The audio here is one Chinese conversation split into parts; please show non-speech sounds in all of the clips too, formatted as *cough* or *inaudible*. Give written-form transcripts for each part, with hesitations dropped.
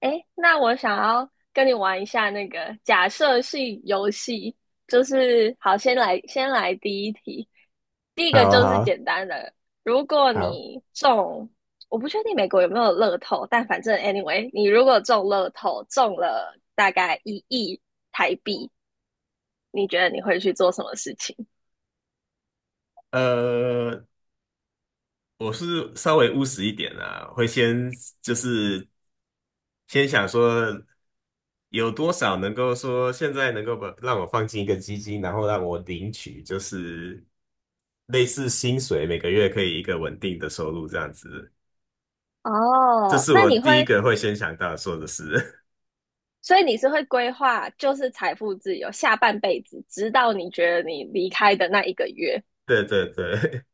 诶，那我想要跟你玩一下那个假设性游戏，就是好，先来第一题，第一好个啊就好是啊简单的，如果好，你中，我不确定美国有没有乐透，但反正 anyway，你如果中乐透，中了大概1亿台币，你觉得你会去做什么事情？呃，我是稍微务实一点啊，会先就是先想说有多少能够说现在能够把让我放进一个基金，然后让我领取就是类似薪水，每个月可以一个稳定的收入这样子。这哦，是那我你第一会，个会先想到说的事。所以你是会规划，就是财富自由下半辈子，直到你觉得你离开的那一个月。*laughs* 对对对，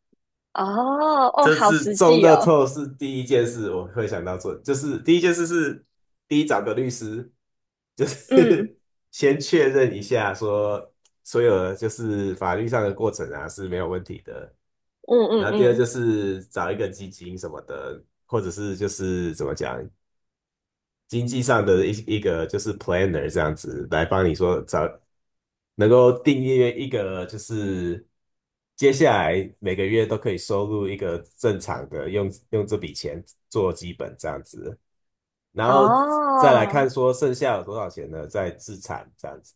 哦哦，这好是实中际乐哦，透是第一件事我会想到做，就是第一件事是第一找个律师，就嗯是 *laughs* 先确认一下说所有的就是法律上的过程啊是没有问题的。嗯然嗯后第二嗯，就是找一个基金什么的，或者是就是怎么讲经济上的一个就是 planner 这样子来帮你说找能够订阅一个，就是接下来每个月都可以收入一个正常的，用这笔钱做基本这样子，然后再来看哦说剩下有多少钱呢，再自产这样子。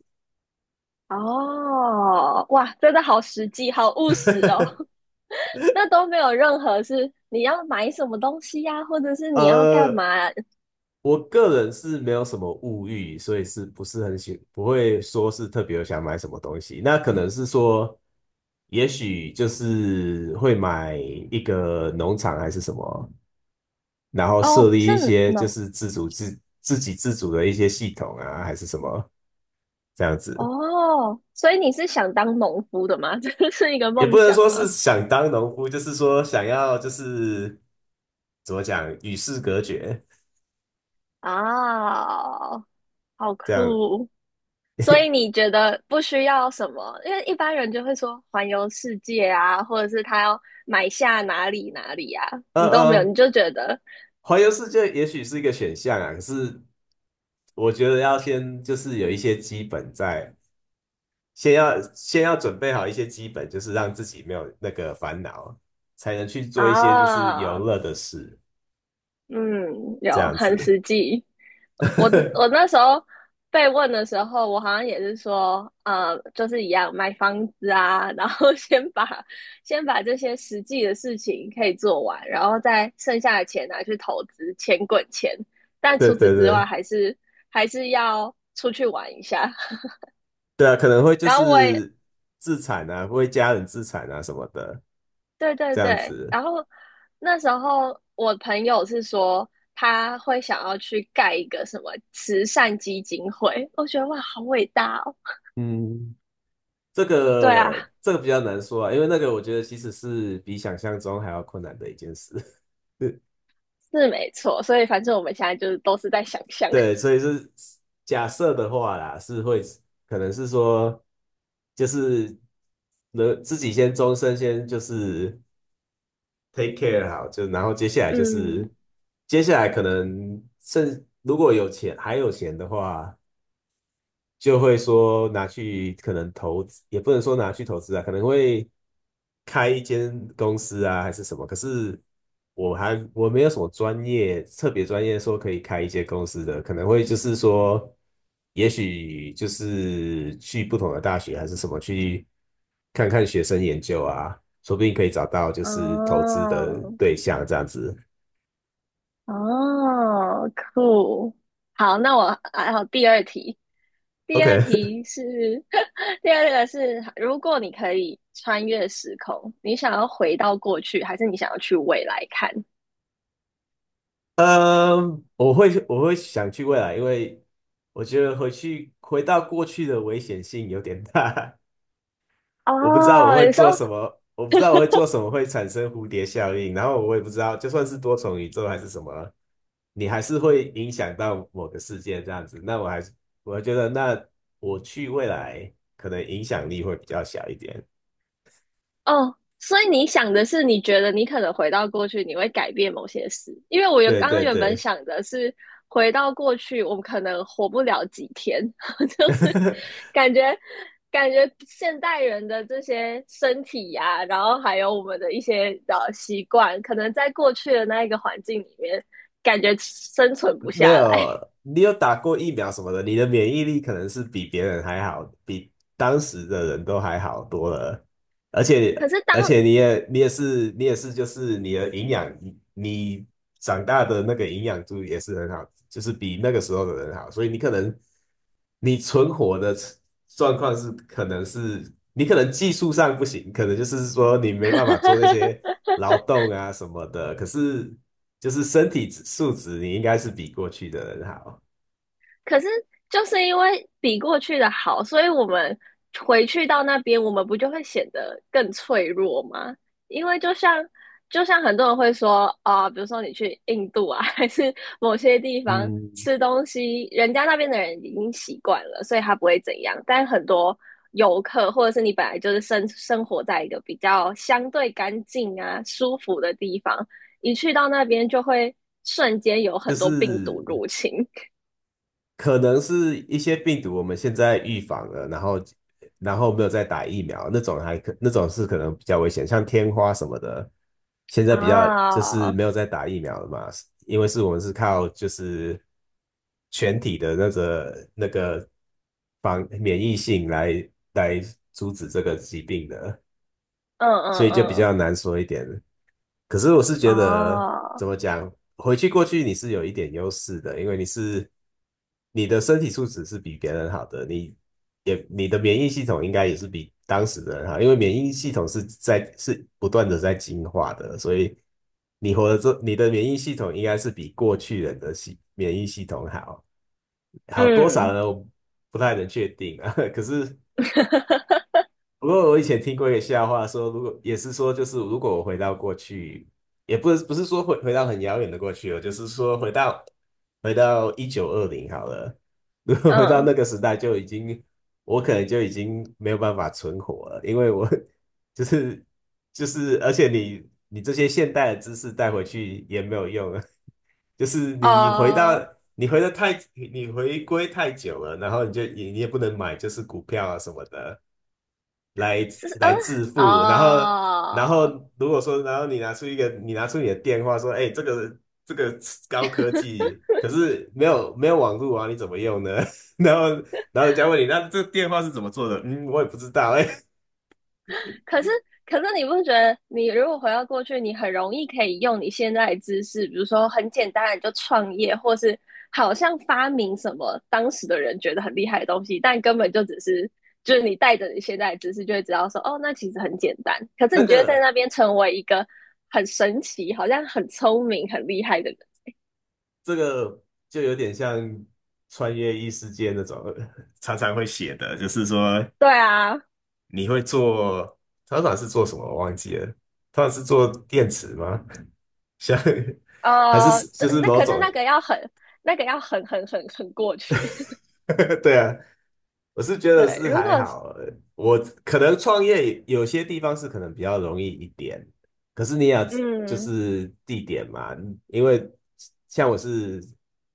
哦，哇，真的好实际，好务实哦。*laughs* *laughs* 那都没有任何是你要买什么东西呀、或者是你要干嘛？呃，我个人是没有什么物欲，所以是不是很喜，不会说是特别想买什么东西。那可能是说，也许就是会买一个农场还是什么。然后设哦，立是一些就农是自主自给自足的一些系统啊，还是什么这样子，哦，所以你是想当农夫的吗？*laughs* 这是一个也不梦能想说是吗？想当农夫，就是说想要就是怎么讲与世隔绝啊、好这样。酷，所以你觉得不需要什么？因为一般人就会说环游世界啊，或者是他要买下哪里哪里啊，嗯你都没有，嗯，你就觉得环游世界也许是一个选项啊，可是我觉得要先就是有一些基本在，先要准备好一些基本，就是让自己没有那个烦恼，才能去做一些就是游啊，乐的事，嗯，这有样很子。实际。我 *laughs* 那时候被问的时候，我好像也是说，就是一样买房子啊，然后 *laughs* 先把这些实际的事情可以做完，然后再剩下的钱拿去投资，钱滚钱。但对除此对之外，对。还是要出去玩一下。对啊，可能会 *laughs* 就然后我也是自产啊，为家人自产啊什么的，对对这样对，子。然后那时候我朋友是说他会想要去盖一个什么慈善基金会，我觉得哇，好伟大哦！嗯，这对个啊，这个比较难说啊，因为那个我觉得其实是比想象中还要困难的一件事。*laughs* 是没错，所以反正我们现在就是都是在想象，对，所以是假设的话啦，是会可能是说，就是能自己先终身先就是 take care 好，就然后接下来 *laughs* 嗯，可能如果有钱还有钱的话。就会说拿去可能投资，也不能说拿去投资啊，可能会开一间公司啊，还是什么。可是我没有什么专业，特别专业说可以开一些公司的，可能会就是说，也许就是去不同的大学还是什么去看看学生研究啊，说不定可以找到就是投资的哦对象这样子。哦，酷，好，那我还有第二题，第二 OK，题是 *laughs* 第二个是，如果你可以穿越时空，你想要回到过去，还是你想要去未来看？嗯，我会想去未来，因为我觉得回到过去的危险性有点大。*laughs* 我不知道我哦，会你做说什么，我不知道我会做什么会产生蝴蝶效应，然后我也不知道，就算是多重宇宙还是什么，你还是会影响到某个世界这样子。那我还是我觉得，那我去未来可能影响力会比较小一点。哦，所以你想的是，你觉得你可能回到过去，你会改变某些事。因为我原对刚刚对原本对，想的是，回到过去，我们可能活不了几天，*laughs* 就是 *laughs* 感觉感觉现代人的这些身体呀、然后还有我们的一些习惯，可能在过去的那一个环境里面，感觉生存不没下来。*laughs* 有，你有打过疫苗什么的，你的免疫力可能是比别人还好，比当时的人都还好多了。而且，可是当而且你也你也是你也是就是你的营养，你长大的那个营养度也是很好，就是比那个时候的人好，所以你可能你存活的状况是可能是你可能技术上不行，可能就是说你没办法做那些劳动啊什么的，可是。就是身体素质，你应该是比过去的人好。可是就是因为比过去的好，所以我们回去到那边，我们不就会显得更脆弱吗？因为就像很多人会说啊、比如说你去印度啊，*laughs* 还是某些地方嗯吃东西，人家那边的人已经习惯了，所以他不会怎样。但很多游客或者是你本来就是生活在一个比较相对干净啊、舒服的地方，一去到那边就会瞬间有就很多病毒是入侵。可能是一些病毒我们现在预防了，然后没有再打疫苗，那种是可能比较危险，像天花什么的，现在比较就是啊，嗯没有再打疫苗了嘛，因为是我们是靠就是全体的那个防免疫性来阻止这个疾病的。嗯所以就比嗯，较难说一点。可是我是觉得，哦，怎么讲，回去过去有一点优势的，因为你是你的身体素质是比别人好的，你的免疫系统应该也是比当时的人好，因为免疫系统是在不断的在进化的，所以你的免疫系统应该是比过去人的免疫系统好，好多少嗯 呢？我不太能确定啊，*laughs* 可是。*laughs* 不过我以前听过一个笑话说，如果也是说，就是如果我回到过去，也不是说回到很遥远的过去哦，就是说回到1920好了，如果回到嗯，那个时代，就已经我可能就已经没有办法存活了，因为我就是就是，而且你这些现代的知识带回去也没有用啊，*laughs* 就是你回到哦，你回的太你回归太久了，然后你就你你也不能买就是股票啊什么的来是来嗯，致富，然后然后哦。如果说然后你拿出你的电话说，哎，这个高科技，可是没有网络啊，你怎么用呢？*laughs* 然后人家问你，那这个电话是怎么做的？嗯，我也不知道哎。*laughs* 可是，可是你不觉得，你如果回到过去，你很容易可以用你现在的知识，比如说很简单的你就创业，或是好像发明什么当时的人觉得很厉害的东西，但根本就只是就是你带着你现在的知识，就会知道说，哦，那其实很简单。可是那你觉得在个那边成为一个很神奇，好像很聪明、很厉害的人，这个就有点像穿越异世界那种，*laughs* 常常会写的，就是说对啊，你会做，常常是做什么我忘记了，通常是做电池吗？*laughs* 像还呃，是就是那某可是种，那个要很。那个要很过去，*laughs* 对啊，我是觉 *laughs* 得对。是如还果好，我可能创业有些地方是可能比较容易一点，可是你也要就嗯 是地点嘛，因为像我是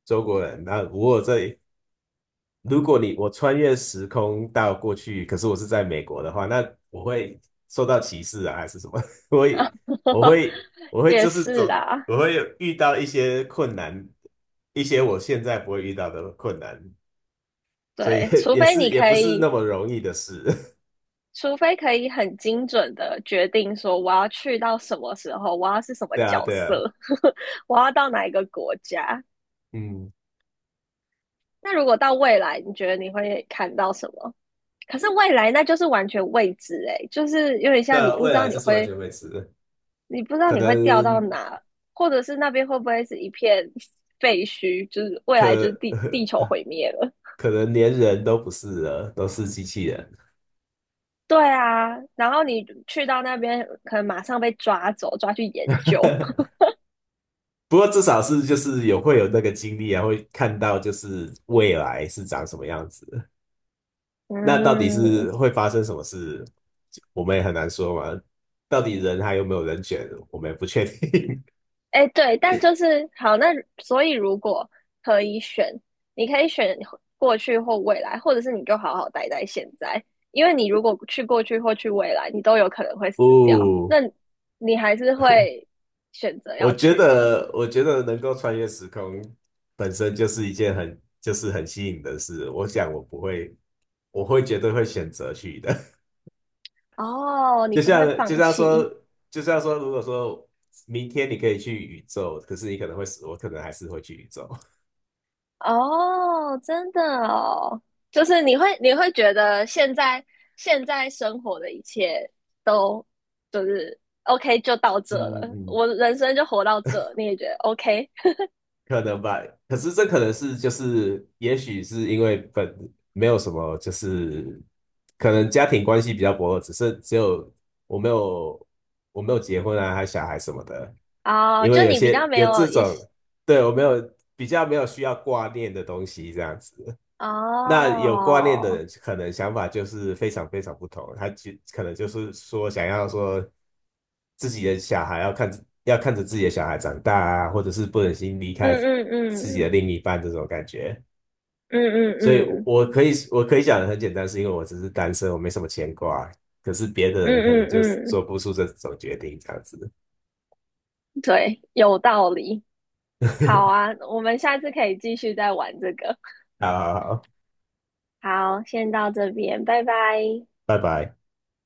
中国人，那如果这如果你我穿越时空到过去，可是我是在美国的话，那我会受到歧视啊，还是什么？*laughs* 我会我会我 *laughs*，会也就是是走，啊，我会有遇到一些困难，一些我现在不会遇到的困难，所以 对，*laughs* 除非你也可不是以，那么容易的事。除非可以很精准的决定说我要去到什么时候，我要是什 *laughs* 么对啊，角对啊，色，*laughs* 我要到哪一个国家。嗯，那如果到未来，你觉得你会看到什么？可是未来那就是完全未知诶，就是有点像你那不未知道来你就是完会，全未知的你不知道可你会掉到能哪，或者是那边会不会是一片 *laughs* 废墟，就是未来就是可 地球毁灭了。*laughs* 可能连人都不是了，都是机器人。对啊，然后你去到那边，可能马上被抓走，抓去研究。不过至少是就是有会有那个经历啊，会看到就是未来是长什么样子。那到底嗯，是会发生什么事，我们也很难说嘛。到底人还有没有人选，我们也不确定。哎，对，但就是好，那所以如果可以选，你可以选过去或未来，或者是你就好好待在现在，因为你如果去过去或去未来，你都有可能会 *laughs* 死掉。那哦，你还是会选择我要觉去吗？得，我觉得能够穿越时空本身就是一件很就是很吸引的事。我想我不会，我会绝对会选择去的。哦，你就不会像就放像说，弃。就像说，如果说明天你可以去宇宙，可是你可能会死，我可能还是会去宇宙，*laughs* 哦，真的哦，就是你会觉得现在生活的一切都就是 OK 就到这嗯嗯了，嗯，我人生就活到这，你也觉得 OK 可能吧。可是这可能是就是，也许是因为本没有什么，就是可能家庭关系比较薄弱，只有我没有我没有结婚啊，还有小孩什么的。哦，因就为有你比较些没有这有一种，些对，我没有比较没有需要挂念的东西这样子。那有观念的哦，人，可能想法就是非常非常不同。他就可能就是说，想要说自己的小孩要看着自己的小孩长大啊，或者是不忍心离开嗯嗯自己嗯的另一半这种感觉。嗯嗯所以我，嗯我可以我可以讲的很简单，是因为我只是单身，我没什么牵挂。可是别的嗯人可能就是嗯嗯，做不出这种决定，这样子。对，有道理。好 *laughs* 啊，我们下次可以继续再玩这个。好好好，好，先到这边，拜拜。拜拜。